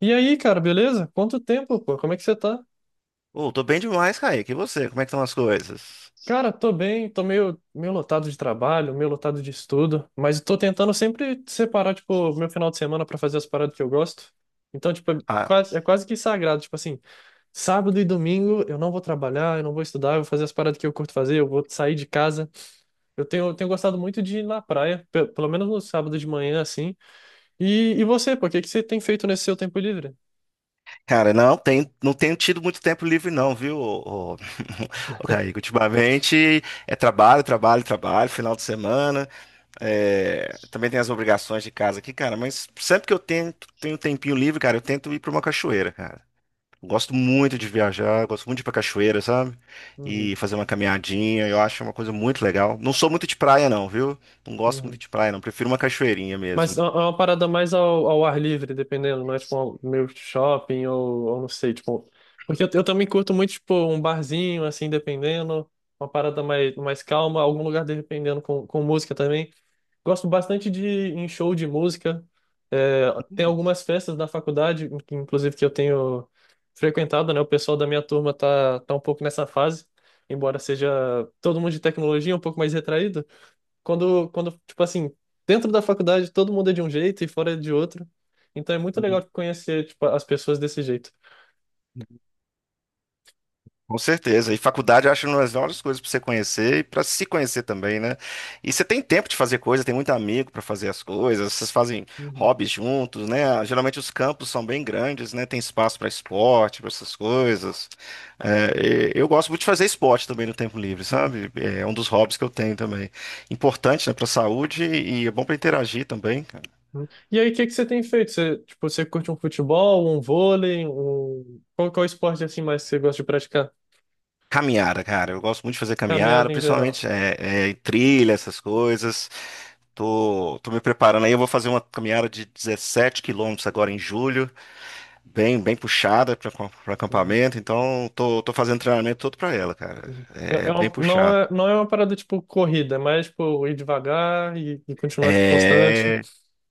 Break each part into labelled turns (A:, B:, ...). A: E aí, cara, beleza? Quanto tempo, pô? Como é que você tá?
B: Ô, tô bem demais, Kaique. E você? Como é que estão as coisas?
A: Cara, tô bem, tô meio lotado de trabalho, meio lotado de estudo, mas tô tentando sempre separar, tipo, meu final de semana pra fazer as paradas que eu gosto. Então, tipo, é
B: Ah,
A: quase, é quase que sagrado, tipo assim, sábado e domingo eu não vou trabalhar, eu não vou estudar, eu vou fazer as paradas que eu curto fazer, eu vou sair de casa. Eu tenho gostado muito de ir na praia, pelo menos no sábado de manhã, assim. E você, pô, o que que você tem feito nesse seu tempo livre?
B: cara, não tenho tido muito tempo livre, não, viu, ô, Kaique? Ultimamente é trabalho, trabalho, trabalho, final de semana. Também tem as obrigações de casa aqui, cara. Mas sempre que tenho um tempinho livre, cara, eu tento ir pra uma cachoeira, cara. Eu gosto muito de viajar, gosto muito de ir pra cachoeira, sabe?
A: Uhum,
B: E fazer uma caminhadinha, eu acho uma coisa muito legal. Não sou muito de praia, não, viu? Não gosto muito
A: uhum.
B: de praia, não. Prefiro uma cachoeirinha
A: Mas
B: mesmo.
A: é uma parada mais ao ar livre, dependendo, não é tipo meio shopping ou não sei, tipo. Porque eu também curto muito, tipo, um barzinho, assim, dependendo, uma parada mais calma, algum lugar dependendo com música também. Gosto bastante de ir em show de música. É, tem algumas festas da faculdade, que, inclusive, que eu tenho frequentado, né? O pessoal da minha turma tá, tá um pouco nessa fase, embora seja todo mundo de tecnologia, um pouco mais retraído tipo assim, dentro da faculdade todo mundo é de um jeito e fora é de outro. Então é muito legal conhecer, tipo, as pessoas desse jeito.
B: Com certeza. E faculdade eu acho uma das melhores coisas para você conhecer e para se conhecer também, né? E você tem tempo de fazer coisa, tem muito amigo para fazer as coisas, vocês fazem
A: Uhum,
B: hobbies juntos, né? Geralmente os campos são bem grandes, né? Tem espaço para esporte, para essas coisas. É, e eu gosto muito de fazer esporte também no tempo livre,
A: uhum,
B: sabe? É um dos hobbies que eu tenho também. Importante, né, para a saúde e é bom para interagir também.
A: uhum. E aí, o que que você tem feito? Você, tipo, você curte um futebol, um vôlei, um... Qual esporte assim mais você gosta de praticar?
B: Caminhada, cara. Eu gosto muito de fazer caminhada,
A: Caminhada em geral.
B: principalmente trilha, essas coisas. Tô me preparando aí. Eu vou fazer uma caminhada de 17 km agora em julho, bem puxada para
A: Uhum,
B: acampamento. Então, tô fazendo treinamento todo para ela, cara.
A: uhum.
B: É bem
A: Não
B: puxado.
A: é uma parada tipo corrida, é mais tipo ir devagar e continuar tipo constante.
B: É.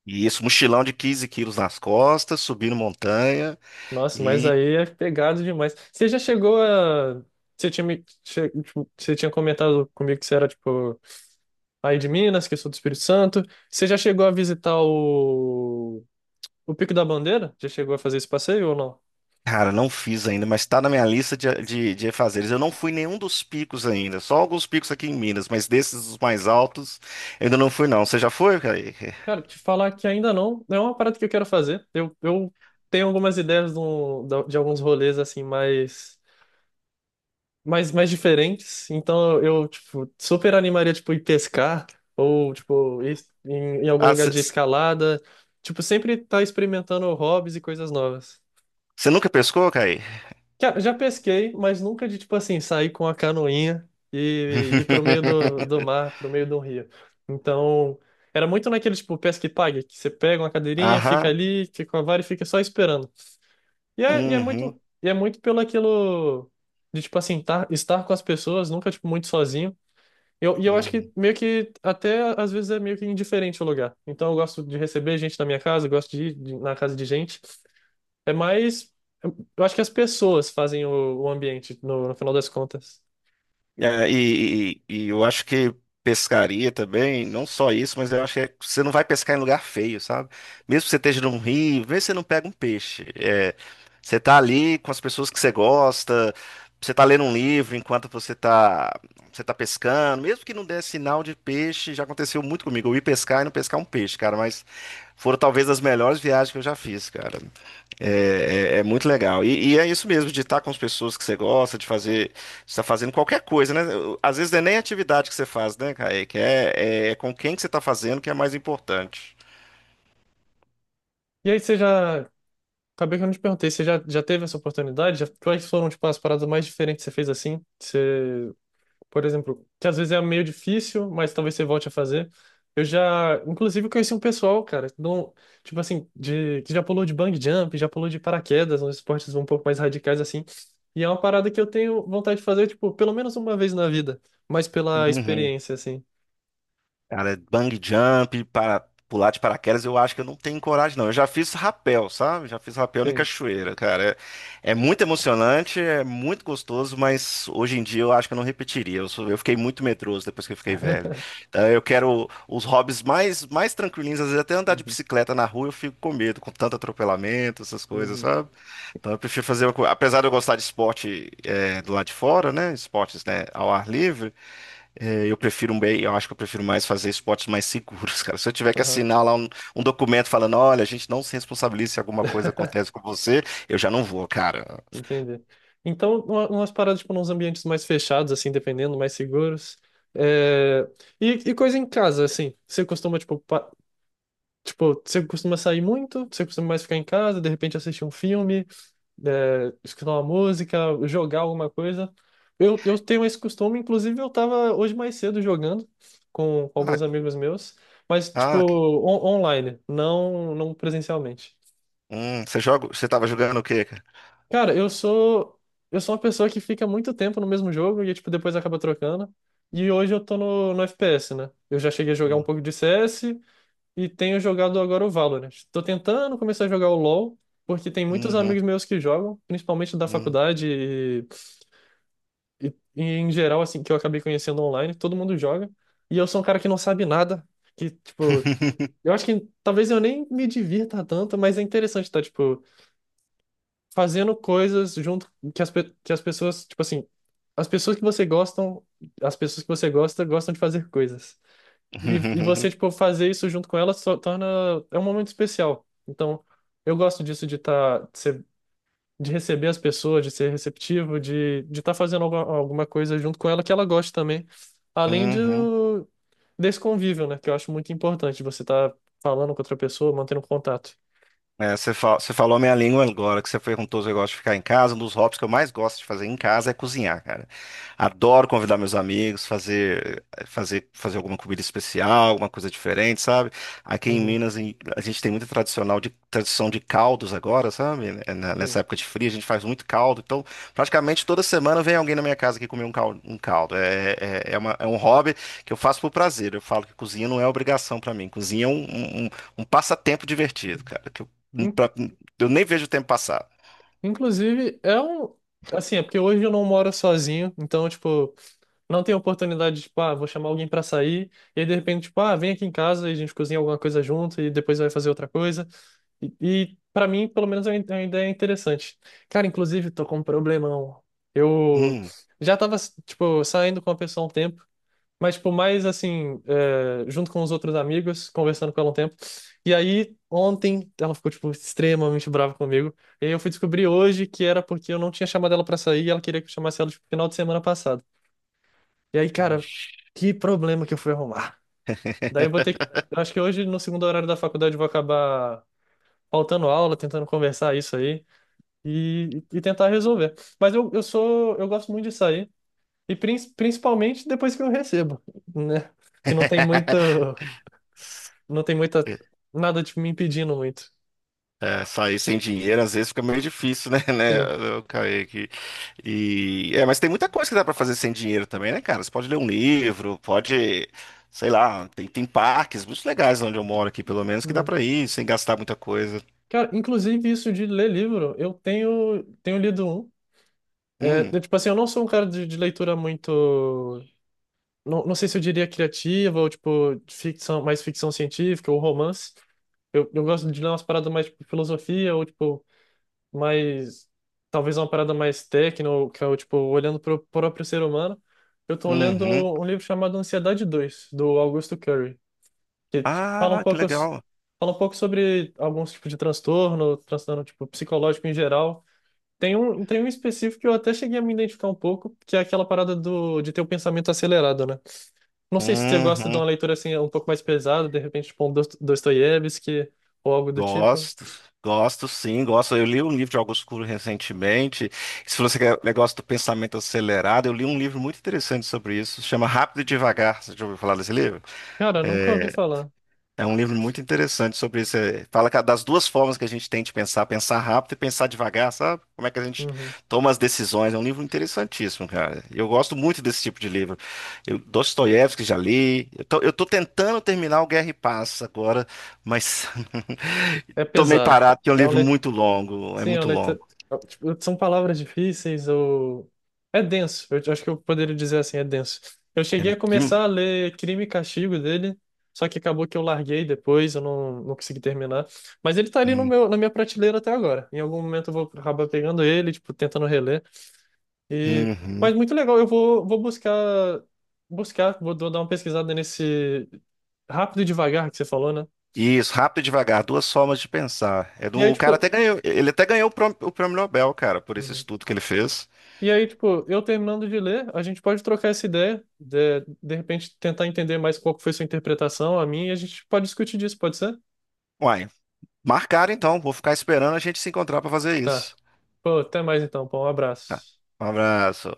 B: E isso, mochilão de 15 kg nas costas, subindo montanha.
A: Nossa, mas aí é pegado demais. Você já chegou a. Você tinha, me... tipo, você tinha comentado comigo que você era, tipo, aí de Minas, que eu sou do Espírito Santo. Você já chegou a visitar o. O Pico da Bandeira? Já chegou a fazer esse passeio ou não?
B: Cara, não fiz ainda, mas tá na minha lista de fazeres. Eu não fui em nenhum dos picos ainda, só alguns picos aqui em Minas, mas desses os mais altos, eu ainda não fui, não. Você já foi, Kaique?
A: Cara, te falar que ainda não. É uma parada que eu quero fazer. Eu tenho algumas ideias de, de alguns rolês, assim, mais. Mas mais diferentes. Então eu, tipo, super animaria, tipo, ir pescar ou, tipo, ir em, em algum
B: Ah,
A: lugar
B: você
A: de escalada. Tipo, sempre tá experimentando hobbies e coisas novas.
B: nunca pescou, Kaique?
A: Já pesquei, mas nunca de, tipo assim, sair com a canoinha e ir pro meio do, do mar, pro meio do rio. Então, era muito naquele, tipo, pesca e pague, que você pega uma cadeirinha, fica
B: Aham.
A: ali, fica com a vara e fica só esperando. E é, e é
B: Uhum.
A: muito, e é muito pelo aquilo de, tipo assim, estar com as pessoas, nunca, tipo, muito sozinho. E eu acho que
B: Uhum.
A: meio que até às vezes é meio que indiferente o lugar. Então eu gosto de receber gente na minha casa, eu gosto de ir na casa de gente. É mais. Eu acho que as pessoas fazem o ambiente no final das contas.
B: E eu acho que pescaria também, não só isso, mas eu acho que você não vai pescar em lugar feio, sabe? Mesmo que você esteja num rio, vê se você não pega um peixe. É, você tá ali com as pessoas que você gosta, você tá lendo um livro enquanto você tá pescando, mesmo que não dê sinal de peixe, já aconteceu muito comigo. Eu ir pescar e não pescar um peixe, cara, mas foram talvez as melhores viagens que eu já fiz, cara. É muito legal. E é isso mesmo, de estar com as pessoas que você gosta, de fazer, de estar fazendo qualquer coisa, né? Às vezes não é nem a atividade que você faz, né, Kaique? É com quem que você está fazendo que é mais importante.
A: E aí você já. Acabei que eu não te perguntei, você já teve essa oportunidade? Já, quais foram, tipo, as paradas mais diferentes que você fez assim? Você por exemplo, que às vezes é meio difícil, mas talvez você volte a fazer. Eu já, inclusive, conheci um pessoal, cara, não, tipo assim, de, que já pulou de bungee jump, já pulou de paraquedas, uns esportes um pouco mais radicais assim. E é uma parada que eu tenho vontade de fazer, tipo, pelo menos uma vez na vida, mas pela
B: Uhum.
A: experiência, assim.
B: Cara, bang jump, para pular de paraquedas, eu acho que eu não tenho coragem, não. Eu já fiz rapel, sabe? Já fiz rapel em
A: Sim.
B: cachoeira, cara. É muito emocionante, é muito gostoso, mas hoje em dia eu acho que eu não repetiria. Eu fiquei muito medroso depois que eu fiquei velho. Então eu quero os hobbies mais tranquilinhos, às vezes até andar de
A: Uhum,
B: bicicleta na rua eu fico com medo, com tanto atropelamento, essas coisas,
A: uhum,
B: sabe? Então eu prefiro fazer, apesar de eu gostar de esporte do lado de fora, né? Esportes, né, ao ar livre. É, eu acho que eu prefiro mais fazer esportes mais seguros, cara. Se eu tiver que
A: aham,
B: assinar lá um documento falando, olha, a gente não se responsabiliza se alguma coisa acontece com você, eu já não vou, cara.
A: entendi. Então, umas paradas, tipo, nos ambientes mais fechados, assim, dependendo, mais seguros. É, e coisa em casa, assim, você costuma, tipo, tipo, você costuma sair muito? Você costuma mais ficar em casa, de repente assistir um filme, é, escutar uma música, jogar alguma coisa? Eu tenho esse costume, inclusive eu tava hoje mais cedo jogando com, alguns
B: Ah,
A: amigos meus, mas tipo,
B: ah, que-
A: online, não presencialmente.
B: Você joga, você tava jogando o quê, cara?
A: Cara, eu sou uma pessoa que fica muito tempo no mesmo jogo e tipo, depois acaba trocando. E hoje eu tô no FPS, né? Eu já cheguei a jogar um
B: Hum.
A: pouco de CS, e tenho jogado agora o Valorant. Tô tentando começar a jogar o LoL, porque tem muitos
B: Uhum.
A: amigos meus que jogam, principalmente da
B: Hum.
A: faculdade e em geral, assim, que eu acabei conhecendo online, todo mundo joga. E eu sou um cara que não sabe nada, que, tipo, eu acho que talvez eu nem me divirta tanto, mas é interessante estar, tipo, fazendo coisas junto que que as pessoas, tipo assim, as pessoas que você gostam, as pessoas que você gosta, gostam de fazer coisas. E
B: Uhum.
A: você, tipo, fazer isso junto com ela só torna. É um momento especial. Então, eu gosto disso de de receber as pessoas, de ser receptivo, de estar fazendo alguma, alguma coisa junto com ela que ela goste também. Além de,
B: Uhum.
A: desse convívio, né? Que eu acho muito importante. Você tá falando com outra pessoa, mantendo contato.
B: É, você falou a minha língua agora, que você perguntou se eu gosto de ficar em casa. Um dos hobbies que eu mais gosto de fazer em casa é cozinhar, cara. Adoro convidar meus amigos, fazer alguma comida especial, alguma coisa diferente, sabe? Aqui em
A: Uhum,
B: Minas, a gente tem muita tradição de caldos agora, sabe? Nessa época de frio, a gente faz muito caldo. Então, praticamente toda semana vem alguém na minha casa aqui comer um caldo. Um caldo. É um hobby que eu faço por prazer. Eu falo que cozinha não é obrigação pra mim. Cozinha é um passatempo divertido, cara.
A: sim.
B: Pra- Eu nem vejo o tempo passar.
A: Inclusive, é um. Assim, é porque hoje eu não moro sozinho, então, tipo, não tenho oportunidade de, tipo, ah, vou chamar alguém pra sair, e aí de repente, tipo, ah, vem aqui em casa e a gente cozinha alguma coisa junto e depois vai fazer outra coisa. E para mim, pelo menos, é uma ideia interessante. Cara, inclusive, tô com um problemão. Eu
B: Hum.
A: já tava, tipo, saindo com a pessoa há um tempo, mas, tipo, mais assim, é, junto com os outros amigos, conversando com ela um tempo. E aí, ontem, ela ficou, tipo, extremamente brava comigo. E aí eu fui descobrir hoje que era porque eu não tinha chamado ela pra sair e ela queria que eu chamasse ela, tipo, final de semana passado. E aí, cara,
B: Ixi.
A: que problema que eu fui arrumar. Daí eu vou ter que... Eu acho que hoje, no segundo horário da faculdade, eu vou acabar faltando aula, tentando conversar isso aí e tentar resolver. Mas eu sou... Eu gosto muito de sair. E principalmente depois que eu recebo, né? Que não tem muito. Não tem muita, nada, tipo, me impedindo muito.
B: É, sair sem dinheiro às vezes fica meio difícil, né? Né?
A: Sim.
B: Eu caí aqui. Mas tem muita coisa que dá pra fazer sem dinheiro também, né, cara? Você pode ler um livro, pode, sei lá, tem parques muito legais onde eu moro aqui, pelo menos, que dá
A: Uhum.
B: pra ir sem gastar muita coisa.
A: Cara, inclusive isso de ler livro, eu tenho lido um. É,
B: Hum.
A: eu, tipo assim, eu não sou um cara de leitura muito. Não, não sei se eu diria criativa ou, tipo, de ficção, mais ficção científica ou romance. Eu gosto de ler umas paradas mais, tipo, filosofia ou, tipo, mais. Talvez uma parada mais técnica, ou, tipo, olhando para o próprio ser humano. Eu tô lendo
B: Uhum.
A: um livro chamado Ansiedade dois do Augusto Curry, que fala um
B: Ah, que
A: pouco,
B: legal.
A: fala um pouco sobre alguns tipos de transtorno, transtorno tipo psicológico em geral. Tem um específico que eu até cheguei a me identificar um pouco, que é aquela parada do, de ter o pensamento acelerado, né? Não sei se você gosta de
B: Uhum.
A: uma leitura assim um pouco mais pesada, de repente tipo um Dostoiévski ou algo do tipo.
B: Gosto, gosto sim, gosto. Eu li um livro de Augusto Cury recentemente. Se você quer negócio do pensamento acelerado, eu li um livro muito interessante sobre isso, chama Rápido e Devagar. Você já ouviu falar desse livro?
A: Cara, nunca ouvi
B: É,
A: falar.
B: é um livro muito interessante sobre isso. É, fala das duas formas que a gente tem de pensar, pensar rápido e pensar devagar, sabe? Como é que a gente
A: Uhum.
B: toma as decisões. É um livro interessantíssimo, cara. Eu gosto muito desse tipo de livro. Eu, Dostoiévski já li. Eu tô tentando terminar o Guerra e Paz agora, mas
A: É
B: tô meio
A: pesado.
B: parado, porque é um
A: É um,
B: livro
A: le-
B: muito longo. É
A: Sim, a
B: muito longo.
A: letra. É, tipo, são palavras difíceis ou. É denso, eu acho que eu poderia dizer assim, é denso. Eu
B: É
A: cheguei a
B: de-
A: começar a ler Crime e Castigo dele, só que acabou que eu larguei depois, eu não consegui terminar. Mas ele tá ali no
B: Hum.
A: meu, na minha prateleira até agora. Em algum momento eu vou acabar pegando ele, tipo, tentando reler. E... Mas
B: Uhum.
A: muito legal, eu vou buscar, vou dar uma pesquisada nesse Rápido e Devagar que você falou, né?
B: Isso, rápido e devagar, duas formas de pensar. É do,
A: E aí,
B: o cara
A: tipo.
B: até ganhou, ele até ganhou o prêmio Nobel, cara, por esse
A: Uhum.
B: estudo que ele fez.
A: E aí, tipo, eu terminando de ler, a gente pode trocar essa ideia, de repente tentar entender mais qual que foi sua interpretação, a minha, e a gente pode discutir disso, pode ser?
B: Uai, marcaram então, vou ficar esperando a gente se encontrar para fazer
A: Tá.
B: isso.
A: Pô, até mais então, pô, um
B: Tá.
A: abraço.
B: Um abraço.